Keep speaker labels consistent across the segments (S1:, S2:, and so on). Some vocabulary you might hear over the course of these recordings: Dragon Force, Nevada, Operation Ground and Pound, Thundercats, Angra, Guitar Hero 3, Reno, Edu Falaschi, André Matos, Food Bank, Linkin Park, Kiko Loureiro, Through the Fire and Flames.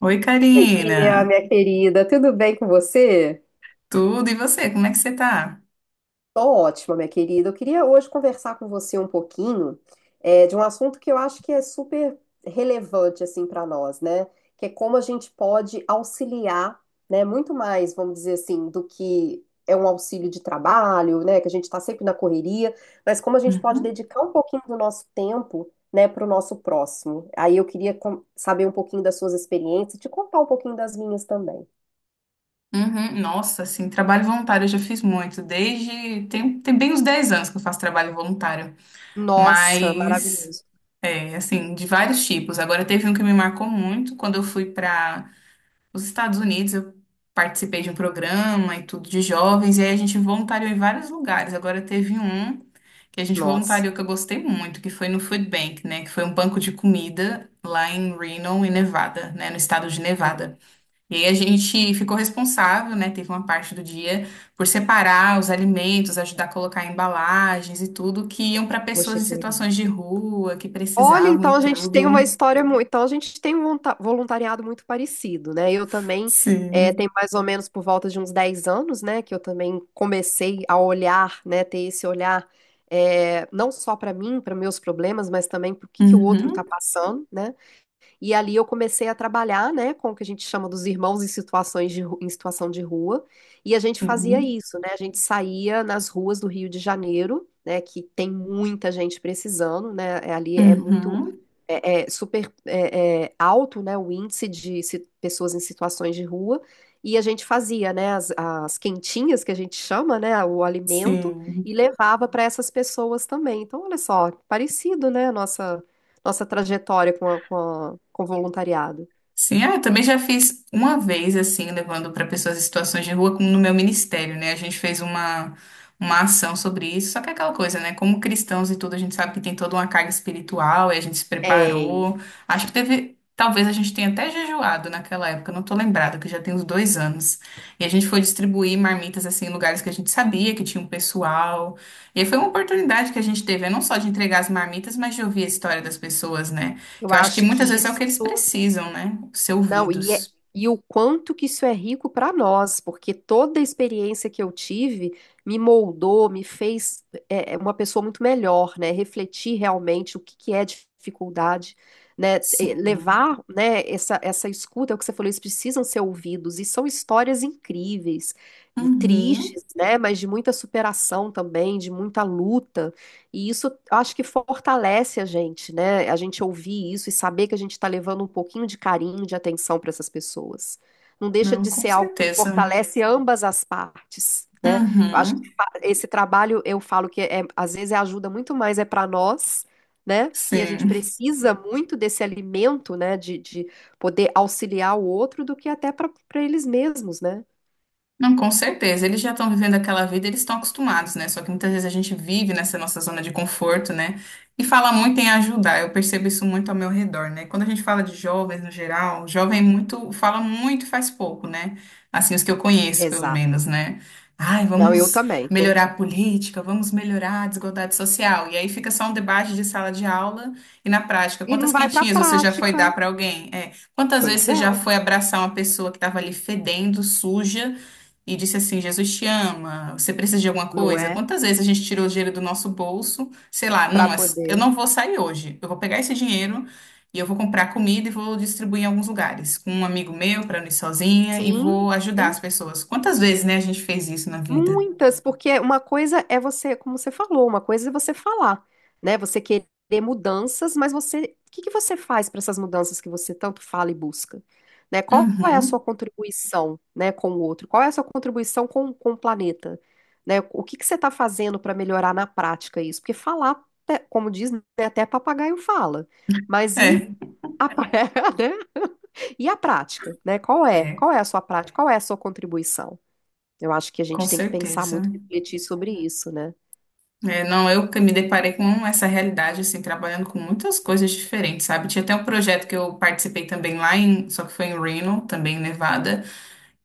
S1: Oi,
S2: Oi, Bia,
S1: Karina.
S2: minha querida, tudo bem com você?
S1: Tudo e você? Como é que você tá?
S2: Tô ótima, minha querida. Eu queria hoje conversar com você um pouquinho de um assunto que eu acho que é super relevante assim para nós, né? Que é como a gente pode auxiliar, né? Muito mais, vamos dizer assim, do que é um auxílio de trabalho, né? Que a gente está sempre na correria, mas como a gente pode
S1: Uhum.
S2: dedicar um pouquinho do nosso tempo, né, para o nosso próximo. Aí eu queria saber um pouquinho das suas experiências, te contar um pouquinho das minhas também.
S1: Uhum. Nossa, assim, trabalho voluntário eu já fiz muito, desde tem bem uns 10 anos que eu faço trabalho voluntário,
S2: Nossa,
S1: mas
S2: maravilhoso.
S1: é, assim, de vários tipos. Agora teve um que me marcou muito quando eu fui para Nos Estados Unidos, eu participei de um programa e tudo de jovens, e aí a gente voluntariou em vários lugares. Agora teve um que a gente
S2: Nossa,
S1: voluntariou que eu gostei muito, que foi no Food Bank, né? Que foi um banco de comida lá em Reno, em Nevada, né? No estado de
S2: que legal.
S1: Nevada. E aí a gente ficou responsável, né? Teve uma parte do dia por separar os alimentos, ajudar a colocar embalagens e tudo que iam para
S2: Poxa,
S1: pessoas em
S2: que legal.
S1: situações de rua, que
S2: Olha,
S1: precisavam e
S2: então a gente tem uma
S1: tudo.
S2: história muito. Então a gente tem um voluntariado muito parecido, né? Eu também
S1: Sim.
S2: tem mais ou menos por volta de uns 10 anos, né? Que eu também comecei a olhar, né? Ter esse olhar não só para mim, para meus problemas, mas também para o que que o outro está
S1: Uhum.
S2: passando, né? E ali eu comecei a trabalhar, né, com o que a gente chama dos irmãos em situação de rua. E a gente fazia
S1: Sim.
S2: isso, né? A gente saía nas ruas do Rio de Janeiro, né, que tem muita gente precisando, né? Ali é muito
S1: Uhum.
S2: é, é super é, é alto, né, o índice de pessoas em situações de rua, e a gente fazia, né, as quentinhas que a gente chama, né, o alimento, e
S1: Sim.
S2: levava para essas pessoas também. Então, olha só, parecido, né, a nossa trajetória com o voluntariado.
S1: Sim, ah, eu também já fiz uma vez, assim, levando para pessoas em situações de rua, como no meu ministério, né? A gente fez uma ação sobre isso, só que é aquela coisa, né? Como cristãos e tudo, a gente sabe que tem toda uma carga espiritual e a gente se
S2: Tem.
S1: preparou. Acho que teve, talvez a gente tenha até jejuado naquela época, não tô lembrada, que já tem uns 2 anos. E a gente foi distribuir marmitas, assim, em lugares que a gente sabia que tinha um pessoal. E aí foi uma oportunidade que a gente teve, né? Não só de entregar as marmitas, mas de ouvir a história das pessoas, né?
S2: Eu
S1: Que eu acho que
S2: acho
S1: muitas
S2: que
S1: vezes é o
S2: isso.
S1: que eles precisam, né? Ser
S2: Não, e, é-
S1: ouvidos.
S2: e o quanto que isso é rico para nós, porque toda a experiência que eu tive me moldou, me fez uma pessoa muito melhor, né? Refletir realmente o que, que é dificuldade, né? E
S1: Sim.
S2: levar, né, essa escuta, é o que você falou, eles precisam ser ouvidos, e são histórias incríveis,
S1: Uhum.
S2: tristes, né? Mas de muita superação também, de muita luta. E isso acho que fortalece a gente, né? A gente ouvir isso e saber que a gente está levando um pouquinho de carinho, de atenção para essas pessoas. Não deixa
S1: Não,
S2: de
S1: com
S2: ser algo que
S1: certeza.
S2: fortalece ambas as partes, né? Eu acho que
S1: Uhum.
S2: esse trabalho, eu falo que às vezes ajuda muito mais para nós, né? Que a gente
S1: Sim.
S2: precisa muito desse alimento, né? De poder auxiliar o outro do que até para eles mesmos, né?
S1: Não, com certeza. Eles já estão vivendo aquela vida, eles estão acostumados, né? Só que muitas vezes a gente vive nessa nossa zona de conforto, né? E fala muito em ajudar. Eu percebo isso muito ao meu redor, né? Quando a gente fala de jovens no geral, jovem é muito fala muito e faz pouco, né? Assim, os que eu conheço, pelo
S2: Exato.
S1: menos, né? Ai,
S2: Não, eu
S1: vamos
S2: também tô.
S1: melhorar a política, vamos melhorar a desigualdade social. E aí fica só um debate de sala de aula e na prática,
S2: E não
S1: quantas
S2: vai para a
S1: quentinhas você já foi
S2: prática.
S1: dar para alguém? É, quantas vezes
S2: Pois
S1: você já
S2: é,
S1: foi abraçar uma pessoa que estava ali fedendo, suja? E disse assim: Jesus te ama, você precisa de alguma
S2: não
S1: coisa?
S2: é?
S1: Quantas vezes a gente tirou dinheiro do nosso bolso? Sei lá,
S2: Para
S1: não, eu
S2: poder.
S1: não vou sair hoje. Eu vou pegar esse dinheiro e eu vou comprar comida e vou distribuir em alguns lugares, com um amigo meu, para não ir sozinha, e
S2: Sim,
S1: vou ajudar
S2: sim,
S1: as pessoas. Quantas vezes, né, a gente fez isso na vida?
S2: muitas, porque uma coisa é você, como você falou, uma coisa é você falar, né? Você querer mudanças, mas você, o que que você faz para essas mudanças que você tanto fala e busca? Né? Qual é a sua
S1: Uhum.
S2: contribuição, né, com o outro? Qual é a sua contribuição com o planeta? Né? O que que você está fazendo para melhorar na prática isso? Porque falar, né, como diz, né, até papagaio fala, mas e
S1: É,
S2: a, né? E a prática, né? Qual é?
S1: é,
S2: Qual é a sua prática? Qual é a sua contribuição? Eu acho que a
S1: com
S2: gente tem que pensar
S1: certeza.
S2: muito, refletir sobre isso, né?
S1: É, não, eu que me deparei com essa realidade, assim, trabalhando com muitas coisas diferentes, sabe? Tinha até um projeto que eu participei também lá em, só que foi em Reno, também em Nevada,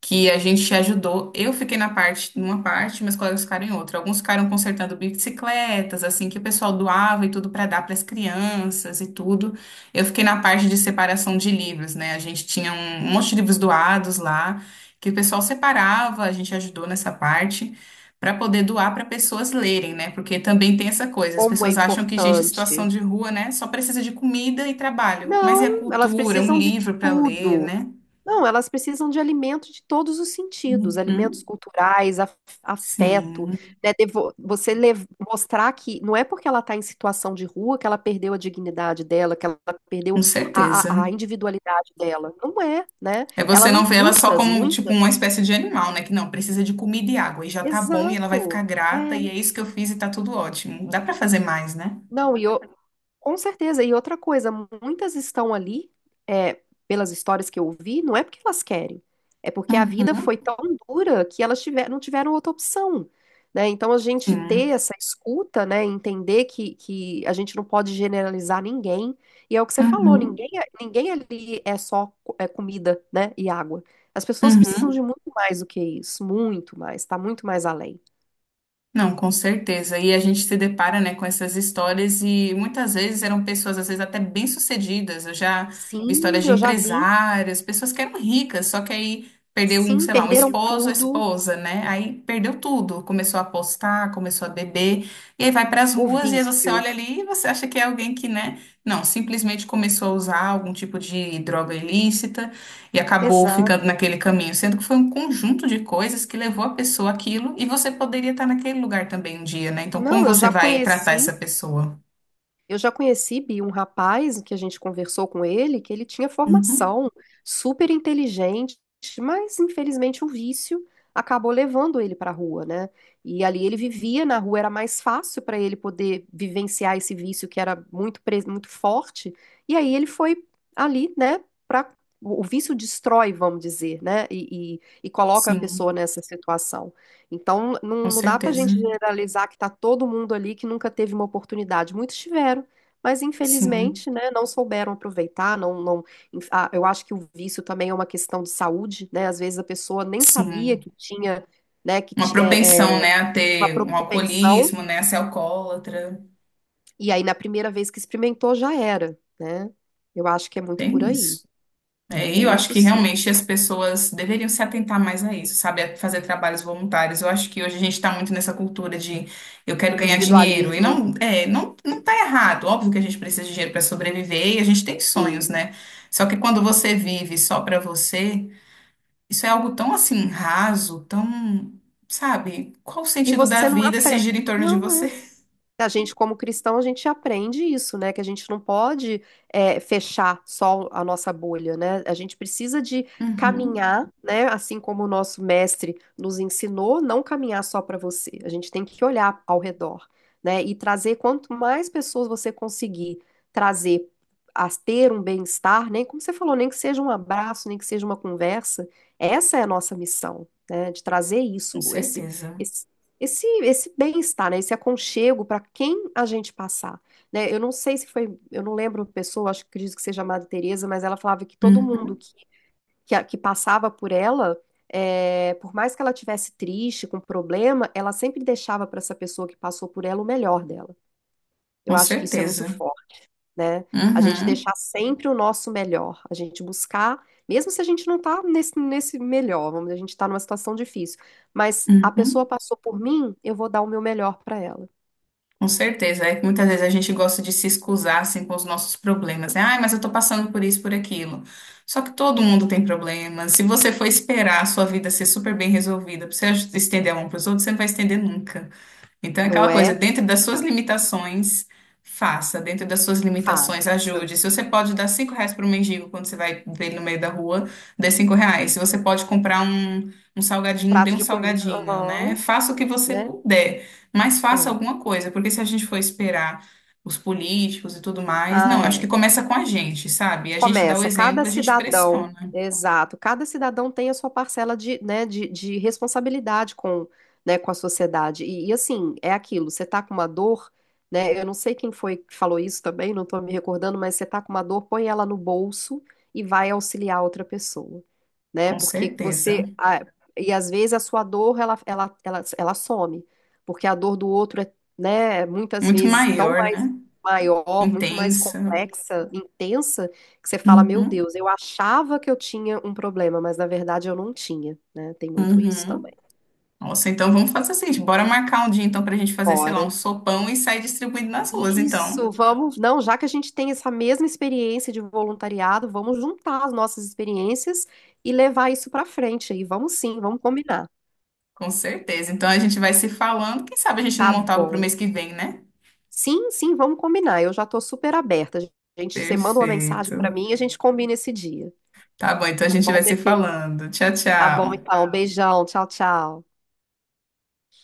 S1: que a gente ajudou. Eu fiquei na parte, numa parte, meus colegas ficaram em outra. Alguns ficaram consertando bicicletas, assim, que o pessoal doava e tudo para dar para as crianças e tudo. Eu fiquei na parte de separação de livros, né? A gente tinha um monte de livros doados lá, que o pessoal separava, a gente ajudou nessa parte. Para poder doar para pessoas lerem, né? Porque também tem essa coisa. As
S2: Como é
S1: pessoas acham que gente em
S2: importante.
S1: situação de rua, né, só precisa de comida e trabalho. Mas e
S2: Não,
S1: a
S2: elas
S1: cultura, um
S2: precisam de
S1: livro para ler,
S2: tudo.
S1: né?
S2: Não, elas precisam de alimento de todos os sentidos, alimentos
S1: Uhum.
S2: culturais, afeto,
S1: Sim.
S2: né? Mostrar que não é porque ela está em situação de rua que ela perdeu a dignidade dela, que ela perdeu
S1: Com certeza.
S2: a individualidade dela. Não é, né?
S1: É,
S2: Ela
S1: você não
S2: não,
S1: ver ela só
S2: muitas,
S1: como, tipo,
S2: muitas.
S1: uma espécie de animal, né? Que não, precisa de comida e água e já tá bom e ela vai
S2: Exato.
S1: ficar grata
S2: É.
S1: e é isso que eu fiz e tá tudo ótimo. Dá pra fazer mais, né?
S2: Não, e eu, com certeza. E outra coisa, muitas estão ali, é, pelas histórias que eu ouvi, não é porque elas querem, é porque a vida foi
S1: Uhum,
S2: tão dura que não tiveram outra opção, né? Então a gente ter
S1: sim.
S2: essa escuta, né, entender que a gente não pode generalizar ninguém. E é o que você falou,
S1: Uhum,
S2: ninguém ali é só comida, né, e água. As pessoas precisam
S1: uhum.
S2: de muito mais do que isso, muito mais, tá muito mais além.
S1: Não, com certeza. E a gente se depara, né, com essas histórias e muitas vezes eram pessoas, às vezes até bem-sucedidas. Eu já vi
S2: Sim,
S1: histórias de
S2: eu já vi.
S1: empresários, pessoas que eram ricas, só que aí perdeu um,
S2: Sim,
S1: sei lá, um
S2: perderam
S1: esposo, a
S2: tudo,
S1: esposa, né? Aí perdeu tudo, começou a apostar, começou a beber, e aí vai para as
S2: o
S1: ruas e aí você
S2: vício.
S1: olha ali e você acha que é alguém que, né? Não, simplesmente começou a usar algum tipo de droga ilícita e acabou ficando
S2: Exato.
S1: naquele caminho, sendo que foi um conjunto de coisas que levou a pessoa àquilo e você poderia estar naquele lugar também um dia, né? Então, como
S2: Não, eu
S1: você
S2: já
S1: vai tratar essa
S2: conheci,
S1: pessoa?
S2: eu já conheci, Bi, um rapaz que a gente conversou com ele, que ele tinha
S1: Uhum.
S2: formação, super inteligente, mas infelizmente o vício acabou levando ele para a rua, né? E ali ele vivia na rua, era mais fácil para ele poder vivenciar esse vício que era muito forte. E aí ele foi ali, né, para o vício destrói, vamos dizer, né? E coloca a
S1: Sim,
S2: pessoa nessa situação. Então,
S1: com
S2: não, não dá para a
S1: certeza.
S2: gente generalizar que está todo mundo ali que nunca teve uma oportunidade. Muitos tiveram, mas
S1: Sim,
S2: infelizmente, né, não souberam aproveitar. Não, não, eu acho que o vício também é uma questão de saúde, né? Às vezes a pessoa nem sabia
S1: sim.
S2: que tinha, né, que
S1: Uma
S2: ti-
S1: propensão,
S2: é, é,
S1: né, a
S2: uma
S1: ter um
S2: propensão,
S1: alcoolismo, né, a ser alcoólatra.
S2: e aí na primeira vez que experimentou já era, né? Eu acho que é muito por
S1: Tem
S2: aí.
S1: isso. É, e eu
S2: Tem
S1: acho
S2: isso
S1: que
S2: sim.
S1: realmente as pessoas deveriam se atentar mais a isso, sabe? A fazer trabalhos voluntários. Eu acho que hoje a gente está muito nessa cultura de eu quero ganhar dinheiro. E
S2: Individualismo,
S1: não, é, não, não tá errado. Óbvio que a gente precisa de dinheiro para sobreviver e a gente tem sonhos,
S2: sim.
S1: né? Só que quando você vive só para você, isso é algo tão assim raso, tão, sabe? Qual o
S2: E
S1: sentido da
S2: você não
S1: vida se
S2: aprende.
S1: gira em torno de você?
S2: A gente, como cristão, a gente aprende isso, né? Que a gente não pode fechar só a nossa bolha, né? A gente precisa de
S1: Uhum,
S2: caminhar, né? Assim como o nosso mestre nos ensinou, não caminhar só para você. A gente tem que olhar ao redor, né? E trazer quanto mais pessoas você conseguir trazer a ter um bem-estar, nem como você falou, nem que seja um abraço, nem que seja uma conversa. Essa é a nossa missão, né? De trazer
S1: com
S2: isso,
S1: certeza.
S2: esse esse bem-estar, né? Esse aconchego para quem a gente passar, né? Eu não sei se foi, eu não lembro a pessoa, acho que acredito que seja a Madre Teresa, mas ela falava que todo mundo
S1: Uhum,
S2: que passava por ela, por mais que ela tivesse triste, com problema, ela sempre deixava para essa pessoa que passou por ela o melhor dela. Eu
S1: com
S2: acho que isso é muito
S1: certeza.
S2: forte, né? A gente
S1: Uhum,
S2: deixar sempre o nosso melhor, a gente buscar, mesmo se a gente não tá nesse melhor, vamos, dizer, a gente tá numa situação difícil, mas a pessoa
S1: uhum.
S2: passou por mim, eu vou dar o meu melhor para ela.
S1: Com certeza, é que muitas vezes a gente gosta de se excusar assim, com os nossos problemas, né? Ai, mas eu tô passando por isso, por aquilo. Só que todo mundo tem problemas. Se você for esperar a sua vida ser super bem resolvida, pra você estender a mão pros outros, você não vai estender nunca. Então, é
S2: Não
S1: aquela coisa,
S2: é?
S1: dentro das suas limitações, faça. Dentro das suas
S2: Faça.
S1: limitações, ajude. Se você pode dar R$ 5 para um mendigo quando você vai ver ele no meio da rua, dê R$ 5. Se você pode comprar um salgadinho, dê
S2: Prato
S1: um
S2: de comida,
S1: salgadinho, né?
S2: aham,
S1: Faça o que você
S2: né?
S1: puder, mas faça
S2: É.
S1: alguma coisa, porque se a gente for esperar os políticos e tudo mais,
S2: Ah,
S1: não, acho que
S2: é.
S1: começa com a gente, sabe? A gente dá o
S2: Começa, cada
S1: exemplo, a gente
S2: cidadão,
S1: pressiona,
S2: exato, cada cidadão tem a sua parcela de, né, de responsabilidade com, né, com a sociedade. E, assim, é aquilo, você tá com uma dor, né? Eu não sei quem foi que falou isso também, não tô me recordando, mas você tá com uma dor, põe ela no bolso e vai auxiliar outra pessoa, né?
S1: com
S2: Porque
S1: certeza.
S2: você e às vezes a sua dor ela some, porque a dor do outro é, né, muitas
S1: Muito
S2: vezes tão
S1: maior,
S2: mais
S1: né?
S2: maior, muito mais
S1: Intensa.
S2: complexa, intensa, que você fala, meu
S1: Uhum,
S2: Deus, eu achava que eu tinha um problema, mas na verdade eu não tinha, né? Tem muito isso também.
S1: uhum. Nossa, então vamos fazer assim, bora marcar um dia então pra gente fazer, sei lá, um
S2: Bora.
S1: sopão e sair distribuindo nas ruas,
S2: Isso,
S1: então.
S2: vamos. Não, já que a gente tem essa mesma experiência de voluntariado, vamos juntar as nossas experiências e levar isso para frente aí. Vamos sim, vamos combinar.
S1: Com certeza. Então a gente vai se falando, quem sabe a gente não
S2: Tá
S1: montar algo pro
S2: bom.
S1: mês que vem, né?
S2: Sim, sim, vamos combinar. Eu já estou super aberta. Gente, você manda uma mensagem para
S1: Perfeito.
S2: mim e a gente combina esse dia.
S1: Tá bom, então a
S2: Tá
S1: gente
S2: bom,
S1: vai se
S2: minha querida?
S1: falando. Tchau,
S2: Tá bom,
S1: tchau.
S2: então. Beijão. Tchau, tchau.